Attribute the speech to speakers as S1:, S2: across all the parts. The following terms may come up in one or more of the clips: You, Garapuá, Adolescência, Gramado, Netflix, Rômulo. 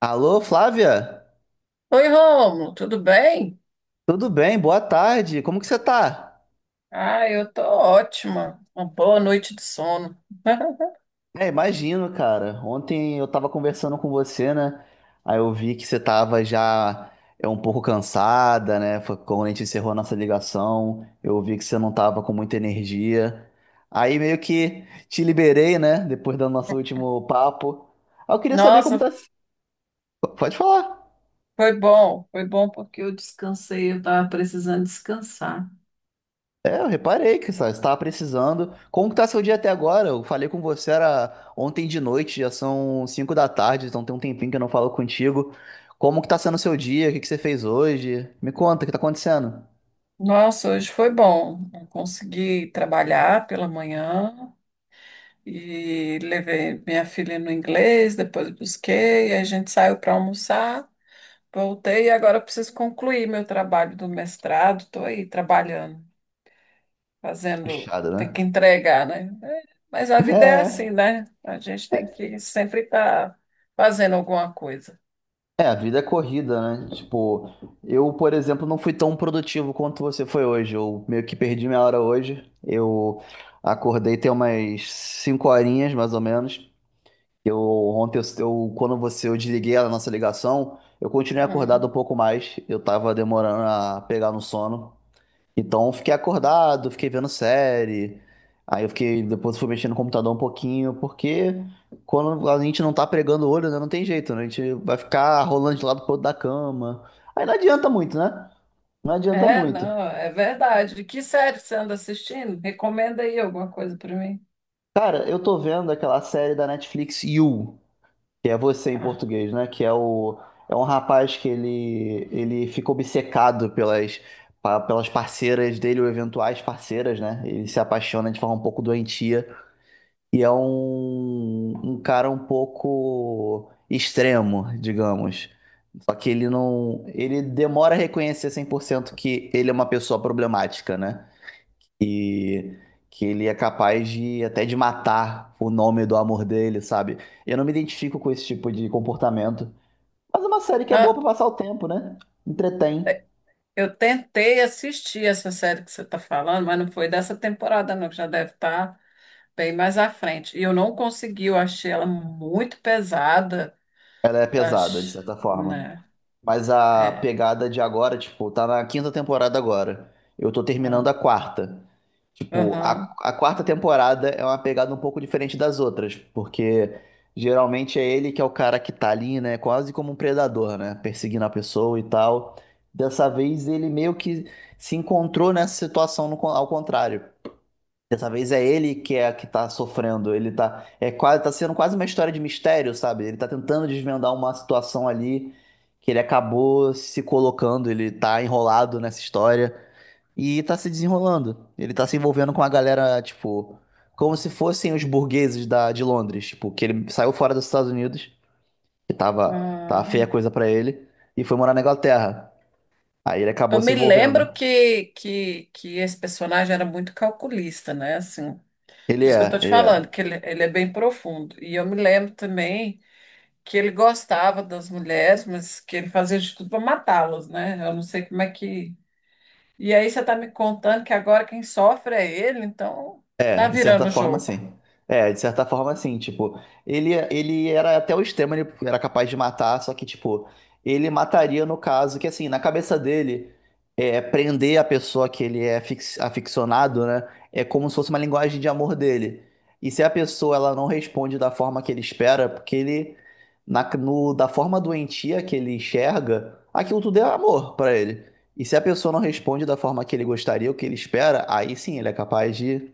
S1: Alô, Flávia?
S2: Oi, Rômulo, tudo bem?
S1: Tudo bem? Boa tarde. Como que você tá?
S2: Ah, eu tô ótima. Uma boa noite de sono.
S1: É, imagino, cara. Ontem eu tava conversando com você, né? Aí eu vi que você tava já um pouco cansada, né? Foi quando a gente encerrou a nossa ligação, eu vi que você não tava com muita energia. Aí meio que te liberei, né? Depois do nosso último papo. Aí eu queria saber como tá.
S2: Nossa,
S1: Pode falar.
S2: foi bom. Foi bom porque eu descansei, eu tava precisando descansar.
S1: É, eu reparei que você estava precisando. Como que tá seu dia até agora? Eu falei com você era ontem de noite, já são 5 da tarde, então tem um tempinho que eu não falo contigo. Como que tá sendo o seu dia? O que que você fez hoje? Me conta, o que tá acontecendo?
S2: Nossa, hoje foi bom. Eu consegui trabalhar pela manhã e levei minha filha no inglês, depois busquei, a gente saiu para almoçar, voltei e agora eu preciso concluir meu trabalho do mestrado. Estou aí trabalhando, fazendo,
S1: Puxado,
S2: o tem que
S1: né?
S2: entregar, né? Mas a vida é assim,
S1: É.
S2: né? A gente tem que sempre estar fazendo alguma coisa.
S1: É, a vida é corrida, né? Tipo, eu, por exemplo, não fui tão produtivo quanto você foi hoje. Eu meio que perdi minha hora hoje. Eu acordei tem umas 5 horinhas, mais ou menos. Eu ontem, eu desliguei a nossa ligação, eu continuei acordado um
S2: Hum.
S1: pouco mais. Eu tava demorando a pegar no sono. Então, eu fiquei acordado, fiquei vendo série. Aí eu fiquei, depois fui mexendo no computador um pouquinho, porque quando a gente não tá pregando o olho, né, não tem jeito, né? A gente vai ficar rolando de lado pro outro da cama. Aí não adianta muito, né? Não adianta muito.
S2: Não, é verdade. Que série você anda assistindo? Recomenda aí alguma coisa para mim.
S1: Cara, eu tô vendo aquela série da Netflix You, que é você em
S2: Ah.
S1: português, né? Que é o É um rapaz que ele fica obcecado pelas pelas parceiras dele ou eventuais parceiras, né? Ele se apaixona de forma um pouco doentia e é um cara um pouco extremo, digamos. Só que ele não ele demora a reconhecer 100% que ele é uma pessoa problemática, né? E que ele é capaz de até de matar o nome do amor dele, sabe? Eu não me identifico com esse tipo de comportamento. Mas é uma série que é boa pra
S2: Ah,
S1: passar o tempo, né? Entretém.
S2: eu tentei assistir essa série que você está falando, mas não foi dessa temporada, não, que já deve estar bem mais à frente. E eu não consegui, eu achei ela muito pesada.
S1: Ela é pesada, de
S2: Acho,
S1: certa forma.
S2: né?
S1: Mas a
S2: É.
S1: pegada de agora, tipo, tá na quinta temporada agora. Eu tô terminando
S2: Ah.
S1: a quarta. Tipo, a,
S2: Aham.
S1: a quarta temporada é uma pegada um pouco diferente das outras, porque geralmente é ele que é o cara que tá ali, né? Quase como um predador, né? Perseguindo a pessoa e tal. Dessa vez ele meio que se encontrou nessa situação no con- ao contrário. Dessa vez é ele que tá sofrendo. Ele tá sendo quase uma história de mistério, sabe? Ele tá tentando desvendar uma situação ali que ele acabou se colocando, ele tá enrolado nessa história e tá se desenrolando. Ele tá se envolvendo com a galera, tipo, como se fossem os burgueses de Londres, tipo, que ele saiu fora dos Estados Unidos, que tava feia
S2: Ah.
S1: a coisa pra ele, e foi morar na Inglaterra. Aí ele acabou
S2: Eu
S1: se
S2: me
S1: envolvendo.
S2: lembro que esse personagem era muito calculista, né? Assim,
S1: Ele
S2: por isso que eu tô
S1: é,
S2: te
S1: ele
S2: falando,
S1: é.
S2: que ele é bem profundo. E eu me lembro também que ele gostava das mulheres, mas que ele fazia de tudo para matá-las, né? Eu não sei como é que. E aí você tá me contando que agora quem sofre é ele, então tá
S1: É, de certa
S2: virando o
S1: forma,
S2: jogo.
S1: sim. É, de certa forma, sim. Tipo, ele era até o extremo, ele era capaz de matar, só que, tipo, ele mataria no caso que, assim, na cabeça dele, é, prender a pessoa que ele é aficionado, né? É como se fosse uma linguagem de amor dele. E se a pessoa, ela não responde da forma que ele espera, porque ele, na, no, da forma doentia que ele enxerga, aquilo tudo é amor pra ele. E se a pessoa não responde da forma que ele gostaria, o que ele espera, aí sim, ele é capaz de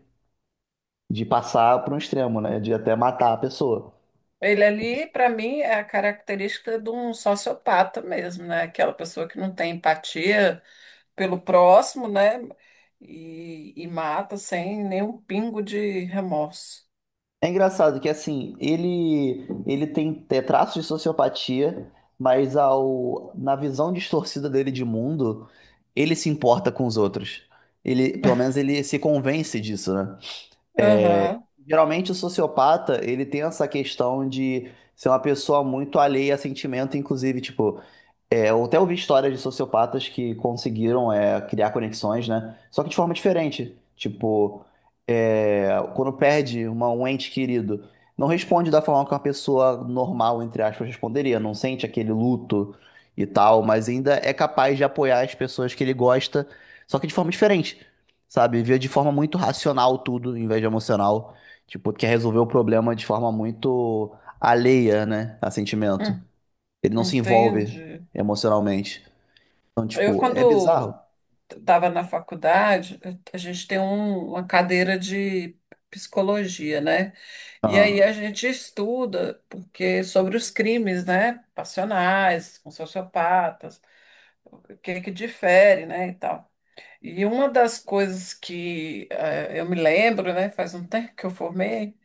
S1: de passar para um extremo, né? De até matar a pessoa.
S2: Ele ali, para mim, é a característica de um sociopata mesmo, né? Aquela pessoa que não tem empatia pelo próximo, né? E mata sem nenhum pingo de remorso.
S1: É engraçado que assim, ele tem traços de sociopatia, mas ao na visão distorcida dele de mundo, ele se importa com os outros. Ele, pelo menos ele se convence disso, né?
S2: Aham,
S1: Geralmente o sociopata, ele tem essa questão de ser uma pessoa muito alheia a sentimento, inclusive, tipo, é, eu até ouvi histórias de sociopatas que conseguiram criar conexões, né? Só que de forma diferente. Tipo, é, quando perde uma, um ente querido, não responde da forma que uma pessoa normal, entre aspas, responderia. Não sente aquele luto e tal, mas ainda é capaz de apoiar as pessoas que ele gosta, só que de forma diferente, sabe? Vê de forma muito racional tudo, em vez de emocional. Tipo, quer resolver o problema de forma muito alheia, né? A sentimento.
S2: hum,
S1: Ele não se envolve
S2: entendi.
S1: emocionalmente. Então,
S2: Eu,
S1: tipo, é
S2: quando
S1: bizarro.
S2: estava na faculdade, a gente tem uma cadeira de psicologia, né? E aí
S1: Aham.
S2: a gente estuda porque sobre os crimes, né? Passionais, com sociopatas, o que que difere, né? E tal. E uma das coisas que eu me lembro, né? Faz um tempo que eu formei.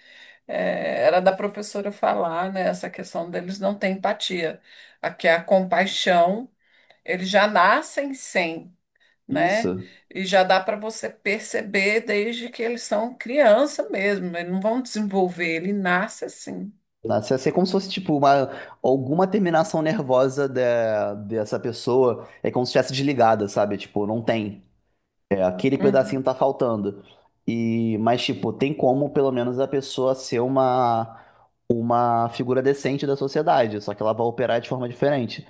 S2: É, era da professora falar, né, essa questão deles não ter empatia. Aqui a compaixão, eles já nascem sem, né?
S1: Isso.
S2: E já dá para você perceber desde que eles são criança mesmo, eles não vão desenvolver, ele nasce assim.
S1: Nossa, ia ser como se fosse, tipo, alguma terminação nervosa dessa pessoa. É como se estivesse desligada, sabe? Tipo, não tem. É, aquele
S2: Uhum,
S1: pedacinho tá faltando. E, mas, tipo, tem como, pelo menos, a pessoa ser uma figura decente da sociedade. Só que ela vai operar de forma diferente.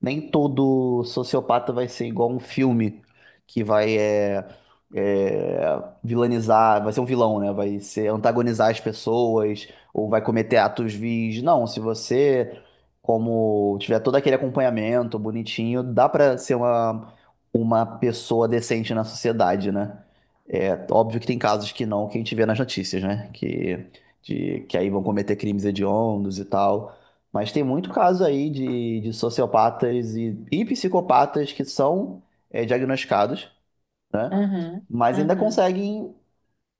S1: Nem todo sociopata vai ser igual um filme que vai vilanizar, vai ser um vilão, né? Vai ser antagonizar as pessoas ou vai cometer atos vis. Não, se você, como tiver todo aquele acompanhamento bonitinho, dá pra ser uma pessoa decente na sociedade, né? É óbvio que tem casos que não, que a gente vê nas notícias, né? Que, de, que aí vão cometer crimes hediondos e tal. Mas tem muito caso aí de sociopatas e psicopatas que são diagnosticados, né?
S2: uhum,
S1: Mas ainda
S2: uhum.
S1: conseguem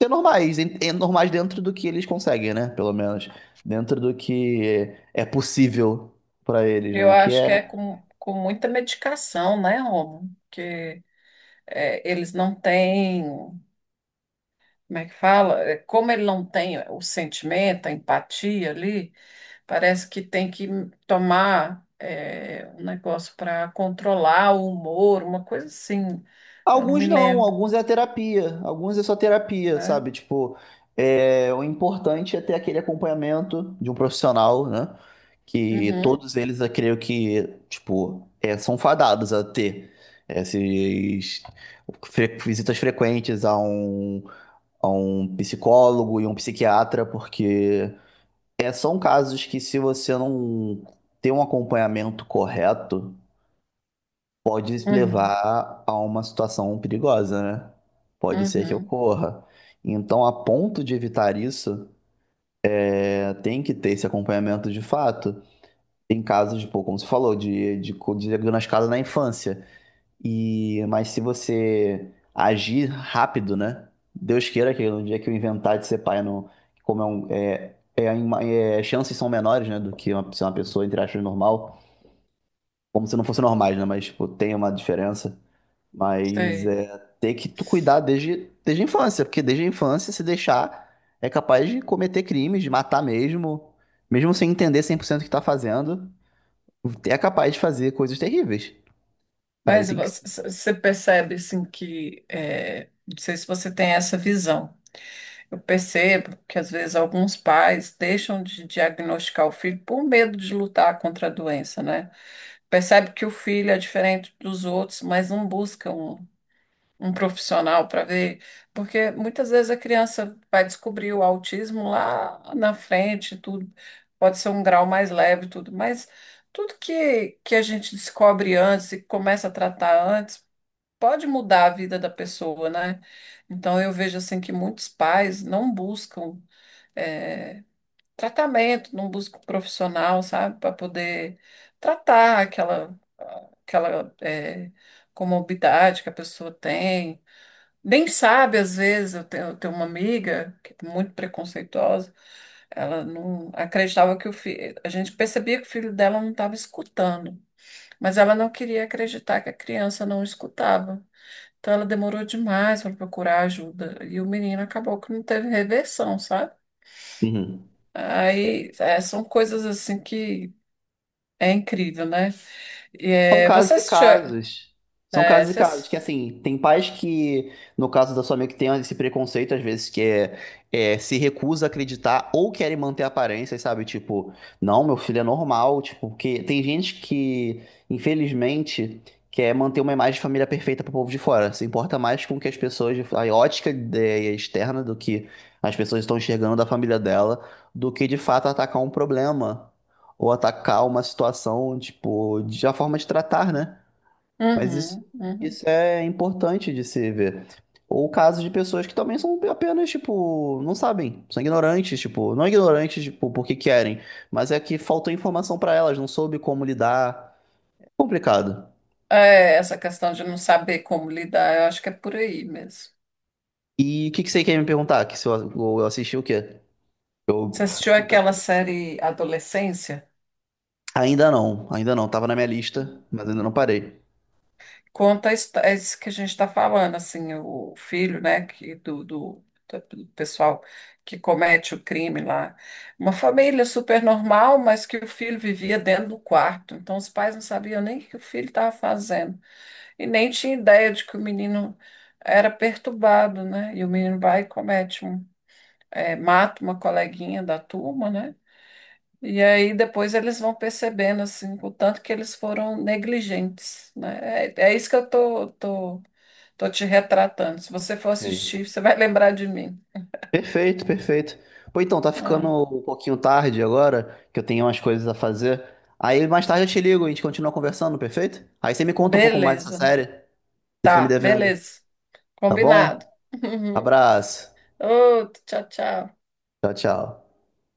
S1: ser normais, normais dentro do que eles conseguem, né? Pelo menos. Dentro do que é possível para eles,
S2: Eu
S1: né? Que
S2: acho que é
S1: é,
S2: com muita medicação, né, Romo? Porque é, eles não têm, como é que fala? É, como ele não tem o sentimento, a empatia ali. Parece que tem que tomar um negócio para controlar o humor, uma coisa assim. Eu não me
S1: alguns não,
S2: lembro,
S1: alguns é terapia, alguns é só terapia,
S2: né?
S1: sabe? Tipo, é, o importante é ter aquele acompanhamento de um profissional, né? Que
S2: Uhum,
S1: todos eles, eu creio que, tipo, é, são fadados a ter essas visitas frequentes a um psicólogo e um psiquiatra, porque é, são casos que se você não tem um acompanhamento correto, pode
S2: uhum,
S1: levar a uma situação perigosa, né? Pode ser que
S2: uhum,
S1: ocorra. Então, a ponto de evitar isso, é, tem que ter esse acompanhamento de fato. Tem casos, pô, como você falou, de diagnosticado na infância. E, mas se você agir rápido, né? Deus queira que no dia que eu inventar de ser pai, não, como é um, chances são menores, né, do que ser uma pessoa, entre aspas, normal. Como se não fosse normais, né? Mas, tipo, tem uma diferença. Mas
S2: sei.
S1: é ter que tu cuidar desde a infância, porque desde a infância, se deixar, é capaz de cometer crimes, de matar mesmo, mesmo sem entender 100% o que tá fazendo, é capaz de fazer coisas terríveis. Aí
S2: Mas
S1: tem que.
S2: você percebe assim que é, não sei se você tem essa visão. Eu percebo que às vezes alguns pais deixam de diagnosticar o filho por medo de lutar contra a doença, né? Percebe que o filho é diferente dos outros, mas não buscam um profissional para ver, porque muitas vezes a criança vai descobrir o autismo lá na frente, tudo pode ser um grau mais leve, tudo, mas tudo que a gente descobre antes e começa a tratar antes pode mudar a vida da pessoa, né? Então eu vejo assim que muitos pais não buscam eh, tratamento, não buscam profissional, sabe, para poder tratar aquela comorbidade que a pessoa tem. Nem sabe, às vezes, eu tenho uma amiga que é muito preconceituosa, ela não acreditava que o filho, a gente percebia que o filho dela não estava escutando, mas ela não queria acreditar que a criança não escutava. Então ela demorou demais para procurar ajuda e o menino acabou que não teve reversão, sabe?
S1: Uhum.
S2: São coisas assim que é incrível, né? E,
S1: São
S2: é, você
S1: casos e
S2: assistiu.
S1: casos. São
S2: É,
S1: casos e
S2: você...
S1: casos. Que
S2: ass-
S1: assim, tem pais que, no caso da sua amiga, que tem esse preconceito, às vezes, que se recusa a acreditar ou querem manter aparências, sabe? Tipo, não, meu filho é normal. Tipo, porque tem gente que, infelizmente, quer manter uma imagem de família perfeita pro povo de fora. Se importa mais com o que as pessoas, a ótica é, externa do que as pessoas estão enxergando da família dela, do que de fato atacar um problema ou atacar uma situação, tipo, de a forma de tratar, né? Mas isso,
S2: Uhum, uhum.
S1: isso é importante de se ver. Ou casos de pessoas que também são apenas, tipo, não sabem, são ignorantes, tipo, não ignorantes, tipo, porque querem, mas é que faltou informação pra elas, não soube como lidar. É complicado.
S2: É, essa questão de não saber como lidar, eu acho que é por aí mesmo.
S1: E o que que você quer me perguntar? Que se eu assisti o quê? Eu
S2: Você assistiu aquela série Adolescência?
S1: ainda não, tava na minha lista, mas ainda não parei.
S2: É isso que a gente está falando, assim, o filho, né, do pessoal que comete o crime lá. Uma família super normal, mas que o filho vivia dentro do quarto. Então os pais não sabiam nem o que o filho estava fazendo. E nem tinha ideia de que o menino era perturbado, né? E o menino vai e comete mata uma coleguinha da turma, né? E aí depois eles vão percebendo assim, o tanto que eles foram negligentes, né? É, é isso que eu tô te retratando. Se você for
S1: Sei.
S2: assistir, você vai lembrar de mim.
S1: Perfeito, perfeito. Pô, então, tá ficando
S2: É.
S1: um pouquinho tarde agora, que eu tenho umas coisas a fazer. Aí mais tarde eu te ligo e a gente continua conversando, perfeito? Aí você me conta um pouco mais dessa
S2: Beleza.
S1: série. Você fica me
S2: Tá,
S1: devendo,
S2: beleza.
S1: tá
S2: Combinado.
S1: bom? Abraço.
S2: Outro, tchau, tchau.
S1: Tchau, tchau.